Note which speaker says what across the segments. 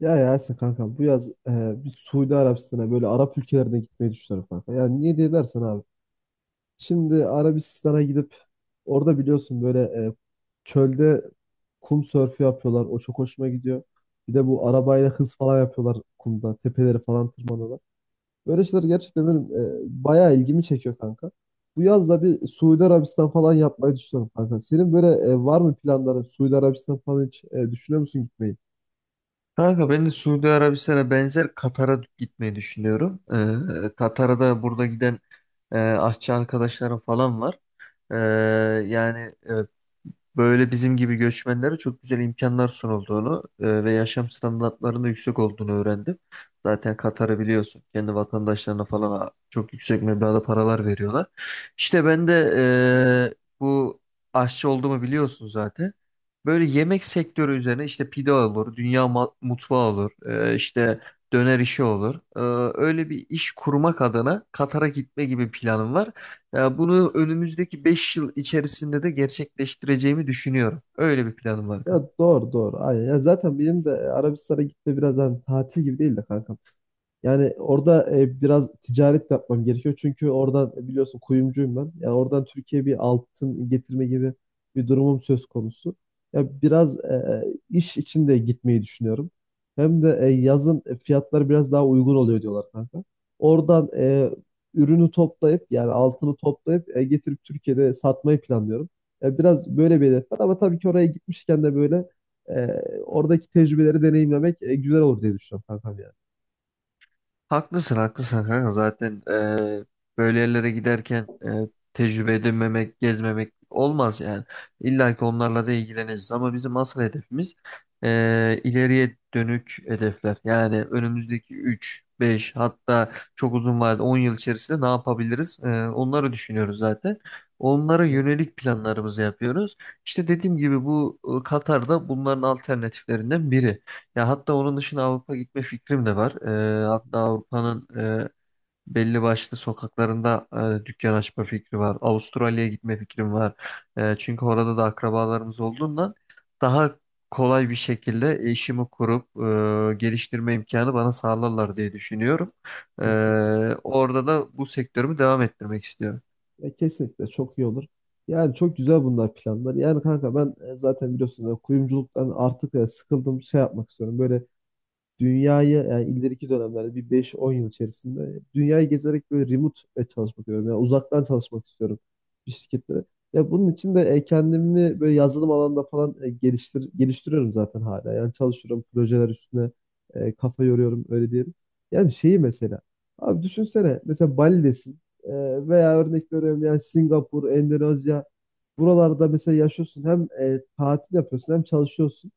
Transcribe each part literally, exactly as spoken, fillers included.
Speaker 1: Ya Yasin kanka bu yaz e, bir Suudi Arabistan'a böyle Arap ülkelerine gitmeyi düşünüyorum kanka. Yani niye diye dersen abi. Şimdi Arabistan'a gidip orada biliyorsun böyle e, çölde kum sörfü yapıyorlar. O çok hoşuma gidiyor. Bir de bu arabayla hız falan yapıyorlar kumda. Tepeleri falan tırmanıyorlar. Böyle şeyler gerçekten benim e, bayağı ilgimi çekiyor kanka. Bu yaz da bir Suudi Arabistan falan yapmayı düşünüyorum kanka. Senin böyle e, var mı planların? Suudi Arabistan falan hiç e, düşünüyor musun gitmeyi?
Speaker 2: Kanka ben de Suudi Arabistan'a benzer Katar'a gitmeyi düşünüyorum. Ee, Katar'a da burada giden e, aşçı arkadaşlarım falan var. Ee, yani evet, böyle bizim gibi göçmenlere çok güzel imkanlar sunulduğunu e, ve yaşam standartlarının da yüksek olduğunu öğrendim. Zaten Katar'ı biliyorsun. Kendi vatandaşlarına falan a- çok yüksek meblağda paralar veriyorlar. İşte ben de e, bu aşçı olduğumu biliyorsun zaten. Böyle yemek sektörü üzerine işte pide olur, dünya ma- mutfağı olur, e, işte döner işi olur. E, öyle bir iş kurmak adına Katar'a gitme gibi planım var. Ya bunu önümüzdeki beş yıl içerisinde de gerçekleştireceğimi düşünüyorum. Öyle bir planım var.
Speaker 1: Ya doğru doğru. Aynen. Ya zaten benim de Arabistan'a gitme biraz hani tatil gibi değil de kanka. Yani orada e, biraz ticaret de yapmam gerekiyor. Çünkü oradan e, biliyorsun kuyumcuyum ben. Yani oradan Türkiye'ye bir altın getirme gibi bir durumum söz konusu. Ya biraz e, e, iş için de gitmeyi düşünüyorum. Hem de e, yazın e, fiyatlar biraz daha uygun oluyor diyorlar kanka. Oradan e, ürünü toplayıp yani altını toplayıp e, getirip Türkiye'de satmayı planlıyorum. Ya biraz böyle bir hedef var ama tabii ki oraya gitmişken de böyle e, oradaki tecrübeleri deneyimlemek e, güzel olur diye düşünüyorum kankam.
Speaker 2: Haklısın haklısın kanka, zaten e, böyle yerlere giderken e, tecrübe edinmemek, gezmemek olmaz yani. İlla ki onlarla da ilgileneceğiz ama bizim asıl hedefimiz e, ileriye dönük hedefler. Yani önümüzdeki üç, beş, hatta çok uzun vadede on yıl içerisinde ne yapabiliriz? E, onları düşünüyoruz zaten. Onlara
Speaker 1: Evet.
Speaker 2: yönelik planlarımızı yapıyoruz. İşte dediğim gibi bu e, Katar'da bunların alternatiflerinden biri. Ya hatta onun dışında Avrupa gitme fikrim de var. Ee, hatta Avrupa'nın e, belli başlı sokaklarında e, dükkan açma fikri var. Avustralya'ya gitme fikrim var. E, çünkü orada da akrabalarımız olduğundan daha kolay bir şekilde işimi kurup e, geliştirme imkanı bana sağlarlar diye düşünüyorum. E,
Speaker 1: Kesinlikle.
Speaker 2: orada da bu sektörümü devam ettirmek istiyorum.
Speaker 1: Ya kesinlikle çok iyi olur. Yani çok güzel bunlar planlar. Yani kanka ben e, zaten biliyorsun e, kuyumculuktan artık e, sıkıldım, şey yapmak istiyorum. Böyle dünyayı yani ileriki dönemlerde bir beş on yıl içerisinde dünyayı gezerek böyle remote e, çalışmak istiyorum. Yani uzaktan çalışmak istiyorum bir şirketlere. Ya bunun için de e, kendimi böyle yazılım alanında falan e, geliştir geliştiriyorum zaten hala. Yani çalışıyorum projeler üstüne, e, kafa yoruyorum öyle diyelim. Yani şeyi mesela abi düşünsene, mesela Bali'desin, e, veya örnek veriyorum yani Singapur, Endonezya, buralarda mesela yaşıyorsun, hem e, tatil yapıyorsun hem çalışıyorsun.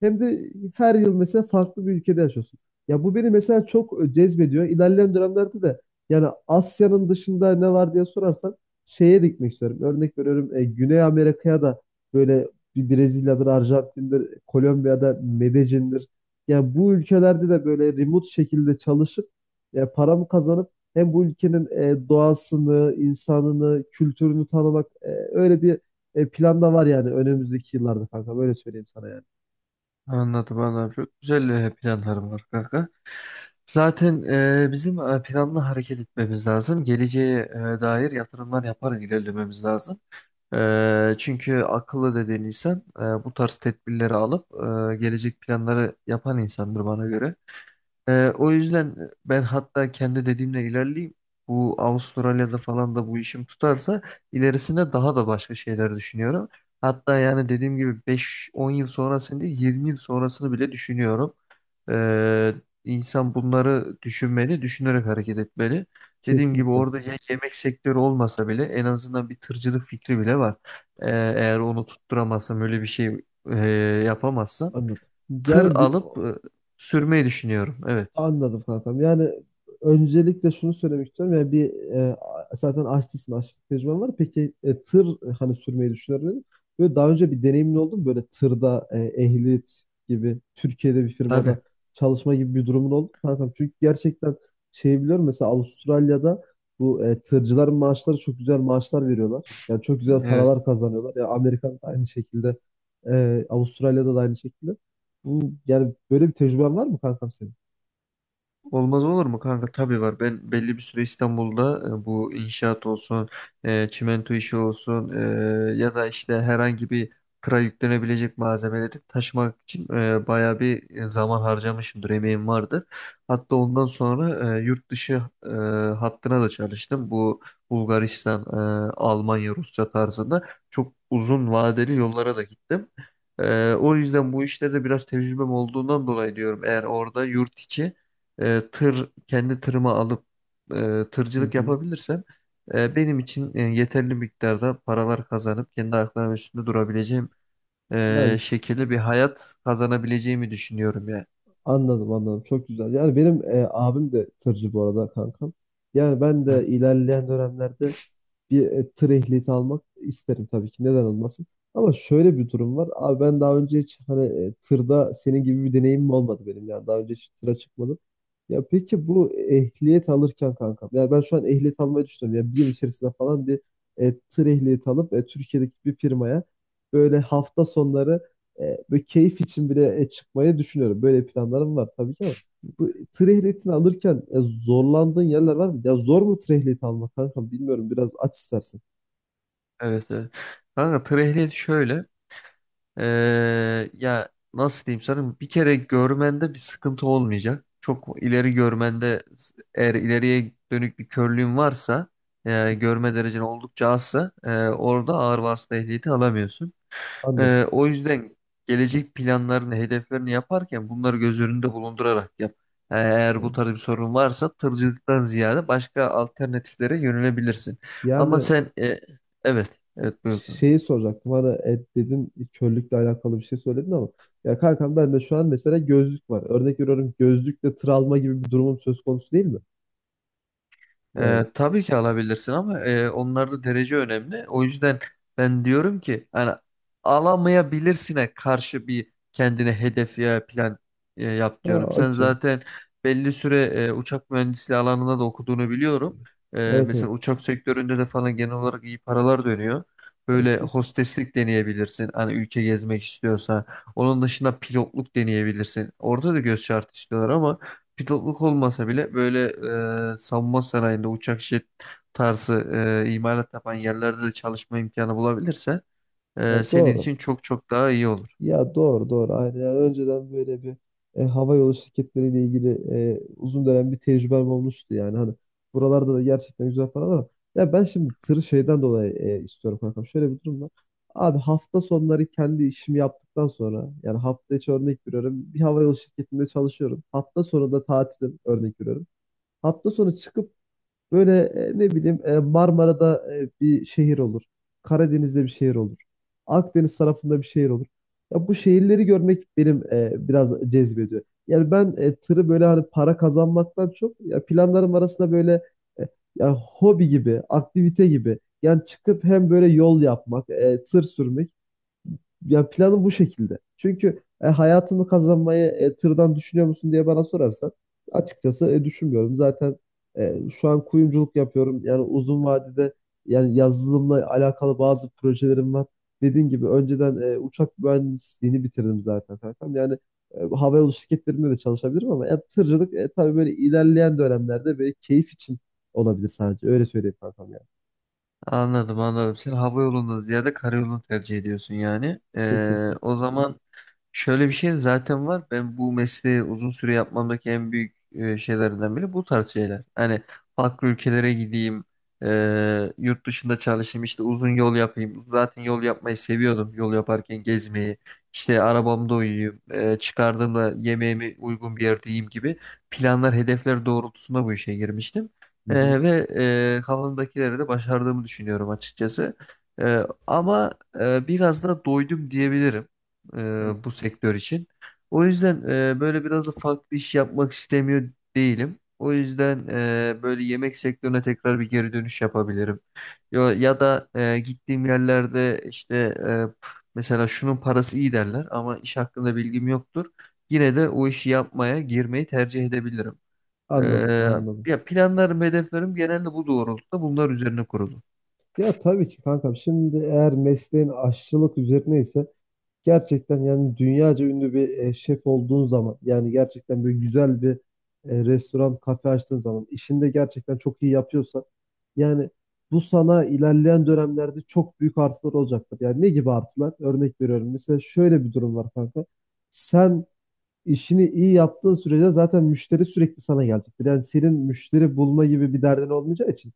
Speaker 1: Hem de her yıl mesela farklı bir ülkede yaşıyorsun. Ya bu beni mesela çok e, cezbediyor. İlerleyen dönemlerde de yani Asya'nın dışında ne var diye sorarsan şeye de gitmek istiyorum. Örnek veriyorum, e, Güney Amerika'ya da, böyle bir Brezilya'dır, Arjantin'dir, Kolombiya'da Medellin'dir. Yani bu ülkelerde de böyle remote şekilde çalışıp ya paramı kazanıp hem bu ülkenin e, doğasını, insanını, kültürünü tanımak, e, öyle bir e, plan da var yani önümüzdeki yıllarda kanka. Böyle söyleyeyim sana yani.
Speaker 2: Anladım anladım. Çok güzel e, planlarım var kanka. Zaten e, bizim e, planlı hareket etmemiz lazım. Geleceğe e, dair yatırımlar yaparak ilerlememiz lazım. E, çünkü akıllı dediğin insan e, bu tarz tedbirleri alıp e, gelecek planları yapan insandır bana göre. Ee, o yüzden ben hatta kendi dediğimle ilerleyeyim. Bu Avustralya'da falan da bu işim tutarsa ilerisinde daha da başka şeyler düşünüyorum. Hatta yani dediğim gibi beş on yıl sonrasını değil, yirmi yıl sonrasını bile düşünüyorum. Ee, insan bunları düşünmeli, düşünerek hareket etmeli. Dediğim gibi
Speaker 1: Kesinlikle.
Speaker 2: orada ya yemek sektörü olmasa bile en azından bir tırcılık fikri bile var. Ee, eğer onu tutturamazsam öyle bir şey e, yapamazsam
Speaker 1: Anladım.
Speaker 2: tır
Speaker 1: Yani bir,
Speaker 2: alıp e, sürmeyi düşünüyorum. Evet.
Speaker 1: anladım kankam. Yani öncelikle şunu söylemek istiyorum. Yani bir, e, zaten aşçısın, aşçılık tecrüben var. Peki e, tır, e, hani sürmeyi düşünüyorum dedim. Böyle daha önce bir deneyimin oldu mu? Böyle tırda e, ehliyet gibi Türkiye'de bir
Speaker 2: Tabii.
Speaker 1: firmada çalışma gibi bir durumun oldu mu kankam? Çünkü gerçekten şey biliyorum, mesela Avustralya'da bu e, tırcıların maaşları, çok güzel maaşlar veriyorlar. Yani çok güzel
Speaker 2: Evet.
Speaker 1: paralar kazanıyorlar. Yani Amerika'da aynı şekilde, e, Avustralya'da da aynı şekilde. Bu yani böyle bir tecrüben var mı kankam senin?
Speaker 2: Olmaz olur mu kanka? Tabii var. Ben belli bir süre İstanbul'da e, bu inşaat olsun, e, çimento işi olsun, e, ya da işte herhangi bir tıra yüklenebilecek malzemeleri taşımak için e, bayağı bir e, zaman harcamışımdır. Emeğim vardır. Hatta ondan sonra e, yurt dışı e, hattına da çalıştım. Bu Bulgaristan, e, Almanya, Rusya tarzında çok uzun vadeli yollara da gittim. E, o yüzden bu işlerde biraz tecrübem olduğundan dolayı diyorum. Eğer orada yurt içi e, tır, kendi tırıma alıp e,
Speaker 1: Hı
Speaker 2: tırcılık
Speaker 1: hı.
Speaker 2: yapabilirsem e, benim için e, yeterli miktarda paralar kazanıp kendi ayaklarımın üstünde durabileceğim e,
Speaker 1: Yani
Speaker 2: şekilde bir hayat kazanabileceğimi düşünüyorum yani.
Speaker 1: anladım anladım, çok güzel. Yani benim e, abim de tırcı bu arada kankam. Yani ben de
Speaker 2: Hı.
Speaker 1: ilerleyen dönemlerde bir e, tır ehliyeti almak isterim tabii ki. Neden olmasın? Ama şöyle bir durum var. Abi, ben daha önce hiç hani e, tırda senin gibi bir deneyimim olmadı benim. Yani daha önce hiç tıra çıkmadım. Ya peki bu ehliyet alırken kankam, yani ben şu an ehliyet almayı düşünüyorum. Yani bir yıl içerisinde falan bir e, tır ehliyeti alıp e, Türkiye'deki bir firmaya böyle hafta sonları, e, böyle keyif için bile e, çıkmayı düşünüyorum. Böyle planlarım var tabii ki ama. Bu tır ehliyetini alırken e, zorlandığın yerler var mı? Ya zor mu tır ehliyeti almak kanka? Bilmiyorum. Biraz aç istersen.
Speaker 2: Evet evet. Kanka, tır ehliyeti şöyle e, ya nasıl diyeyim sana, bir kere görmende bir sıkıntı olmayacak. Çok ileri görmende, eğer ileriye dönük bir körlüğün varsa, e, görme derecen oldukça azsa, e, orada ağır vasıta ehliyeti alamıyorsun.
Speaker 1: Anladım.
Speaker 2: Ee, o yüzden gelecek planlarını, hedeflerini yaparken bunları göz önünde bulundurarak yap. Eğer bu
Speaker 1: Yani,
Speaker 2: tarz bir sorun varsa tırcılıktan ziyade başka alternatiflere yönelebilirsin. Ama
Speaker 1: yani
Speaker 2: sen e, evet, evet, buyur.
Speaker 1: şeyi soracaktım. Hani e, dedin, körlükle alakalı bir şey söyledin ama ya kankam, ben de şu an mesela gözlük var. Örnek veriyorum, gözlükle tır alma gibi bir durumum söz konusu değil mi? Yani.
Speaker 2: Ee, tabii ki alabilirsin ama e, onlarda derece önemli. O yüzden ben diyorum ki hani alamayabilirsine karşı bir kendine hedef ya plan e, yap
Speaker 1: Ha,
Speaker 2: diyorum. Sen
Speaker 1: okey.
Speaker 2: zaten belli süre e, uçak mühendisliği alanında da okuduğunu biliyorum. E,
Speaker 1: Evet, evet.
Speaker 2: mesela uçak sektöründe de falan genel olarak iyi paralar dönüyor.
Speaker 1: Ya,
Speaker 2: Böyle
Speaker 1: kesin.
Speaker 2: hosteslik deneyebilirsin. Hani ülke gezmek istiyorsa. Onun dışında pilotluk deneyebilirsin. Orada da göz şartı istiyorlar ama pilotluk olmasa bile böyle e, savunma sanayinde uçak, jet tarzı e, imalat yapan yerlerde de çalışma imkanı bulabilirse e,
Speaker 1: Ya
Speaker 2: senin
Speaker 1: doğru.
Speaker 2: için çok çok daha iyi olur.
Speaker 1: Ya doğru doğru, aynen. Yani önceden böyle bir e, hava yolu şirketleriyle ilgili e, uzun dönem bir tecrübem olmuştu yani. Hani buralarda da gerçekten güzel para var, ama ya ben şimdi tır şeyden dolayı e, istiyorum kankam. Şöyle bir durum var. Abi, hafta sonları kendi işimi yaptıktan sonra, yani hafta içi örnek veriyorum, bir hava yolu şirketinde çalışıyorum. Hafta sonu da tatilim örnek veriyorum. Hafta sonu çıkıp böyle, e, ne bileyim, e, Marmara'da e, bir şehir olur. Karadeniz'de bir şehir olur. Akdeniz tarafında bir şehir olur. Ya bu şehirleri görmek benim e, biraz cezbediyor. Yani ben e, tırı böyle hani para kazanmaktan çok ya planlarım arasında böyle, e, ya hobi gibi, aktivite gibi. Yani çıkıp hem böyle yol yapmak, e, tır sürmek, ya planım bu şekilde. Çünkü e, hayatımı kazanmayı e, tırdan düşünüyor musun diye bana sorarsan açıkçası e, düşünmüyorum. Zaten e, şu an kuyumculuk yapıyorum. Yani uzun vadede, yani yazılımla alakalı bazı projelerim var. Dediğim gibi önceden e, uçak mühendisliğini bitirdim zaten kankam. Yani e, havayolu şirketlerinde de çalışabilirim, ama ya, tırcılık, e, tabii böyle ilerleyen dönemlerde böyle keyif için olabilir sadece. Öyle söyleyeyim kankam yani.
Speaker 2: Anladım anladım. Sen hava yolundan ziyade karayolunu tercih ediyorsun yani. E,
Speaker 1: Kesinlikle.
Speaker 2: o zaman şöyle bir şey de zaten var. Ben bu mesleği uzun süre yapmamdaki en büyük e, şeylerinden biri bu tarz şeyler. Hani farklı ülkelere gideyim, e, yurt dışında çalışayım, işte uzun yol yapayım. Zaten yol yapmayı seviyordum. Yol yaparken gezmeyi, işte arabamda uyuyayım, e, çıkardığımda yemeğimi uygun bir yerde yiyeyim gibi planlar, hedefler doğrultusunda bu işe girmiştim.
Speaker 1: Hı hı.
Speaker 2: E, ve e, kafamdakileri de başardığımı düşünüyorum açıkçası. E, ama e, biraz da doydum diyebilirim e, bu sektör için. O yüzden e, böyle biraz da farklı iş yapmak istemiyor değilim. O yüzden e, böyle yemek sektörüne tekrar bir geri dönüş yapabilirim. Ya, ya da e, gittiğim yerlerde işte e, p- mesela şunun parası iyi derler ama iş hakkında bilgim yoktur. Yine de o işi yapmaya girmeyi tercih edebilirim.
Speaker 1: Anladım,
Speaker 2: E,
Speaker 1: anladım.
Speaker 2: ya planlarım, hedeflerim genelde bu doğrultuda, bunlar üzerine kurulu.
Speaker 1: Ya tabii ki kankam. Şimdi eğer mesleğin aşçılık üzerine ise, gerçekten yani dünyaca ünlü bir e, şef olduğun zaman, yani gerçekten böyle güzel bir e, restoran, kafe açtığın zaman, işini de gerçekten çok iyi yapıyorsan, yani bu sana ilerleyen dönemlerde çok büyük artılar olacaktır. Yani ne gibi artılar? Örnek veriyorum. Mesela şöyle bir durum var kanka. Sen işini iyi yaptığın sürece zaten müşteri sürekli sana gelecektir. Yani senin müşteri bulma gibi bir derdin olmayacağı için,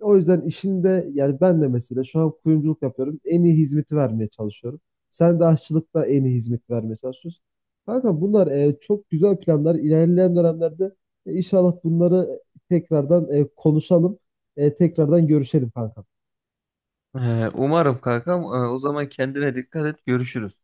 Speaker 1: o yüzden işinde, yani ben de mesela şu an kuyumculuk yapıyorum. En iyi hizmeti vermeye çalışıyorum. Sen de aşçılıkta en iyi hizmeti vermeye çalışıyorsun. Kanka bunlar e, çok güzel planlar. İlerleyen dönemlerde e, inşallah bunları tekrardan e, konuşalım. E, tekrardan görüşelim kanka.
Speaker 2: E, Umarım kankam. E, o zaman kendine dikkat et. Görüşürüz.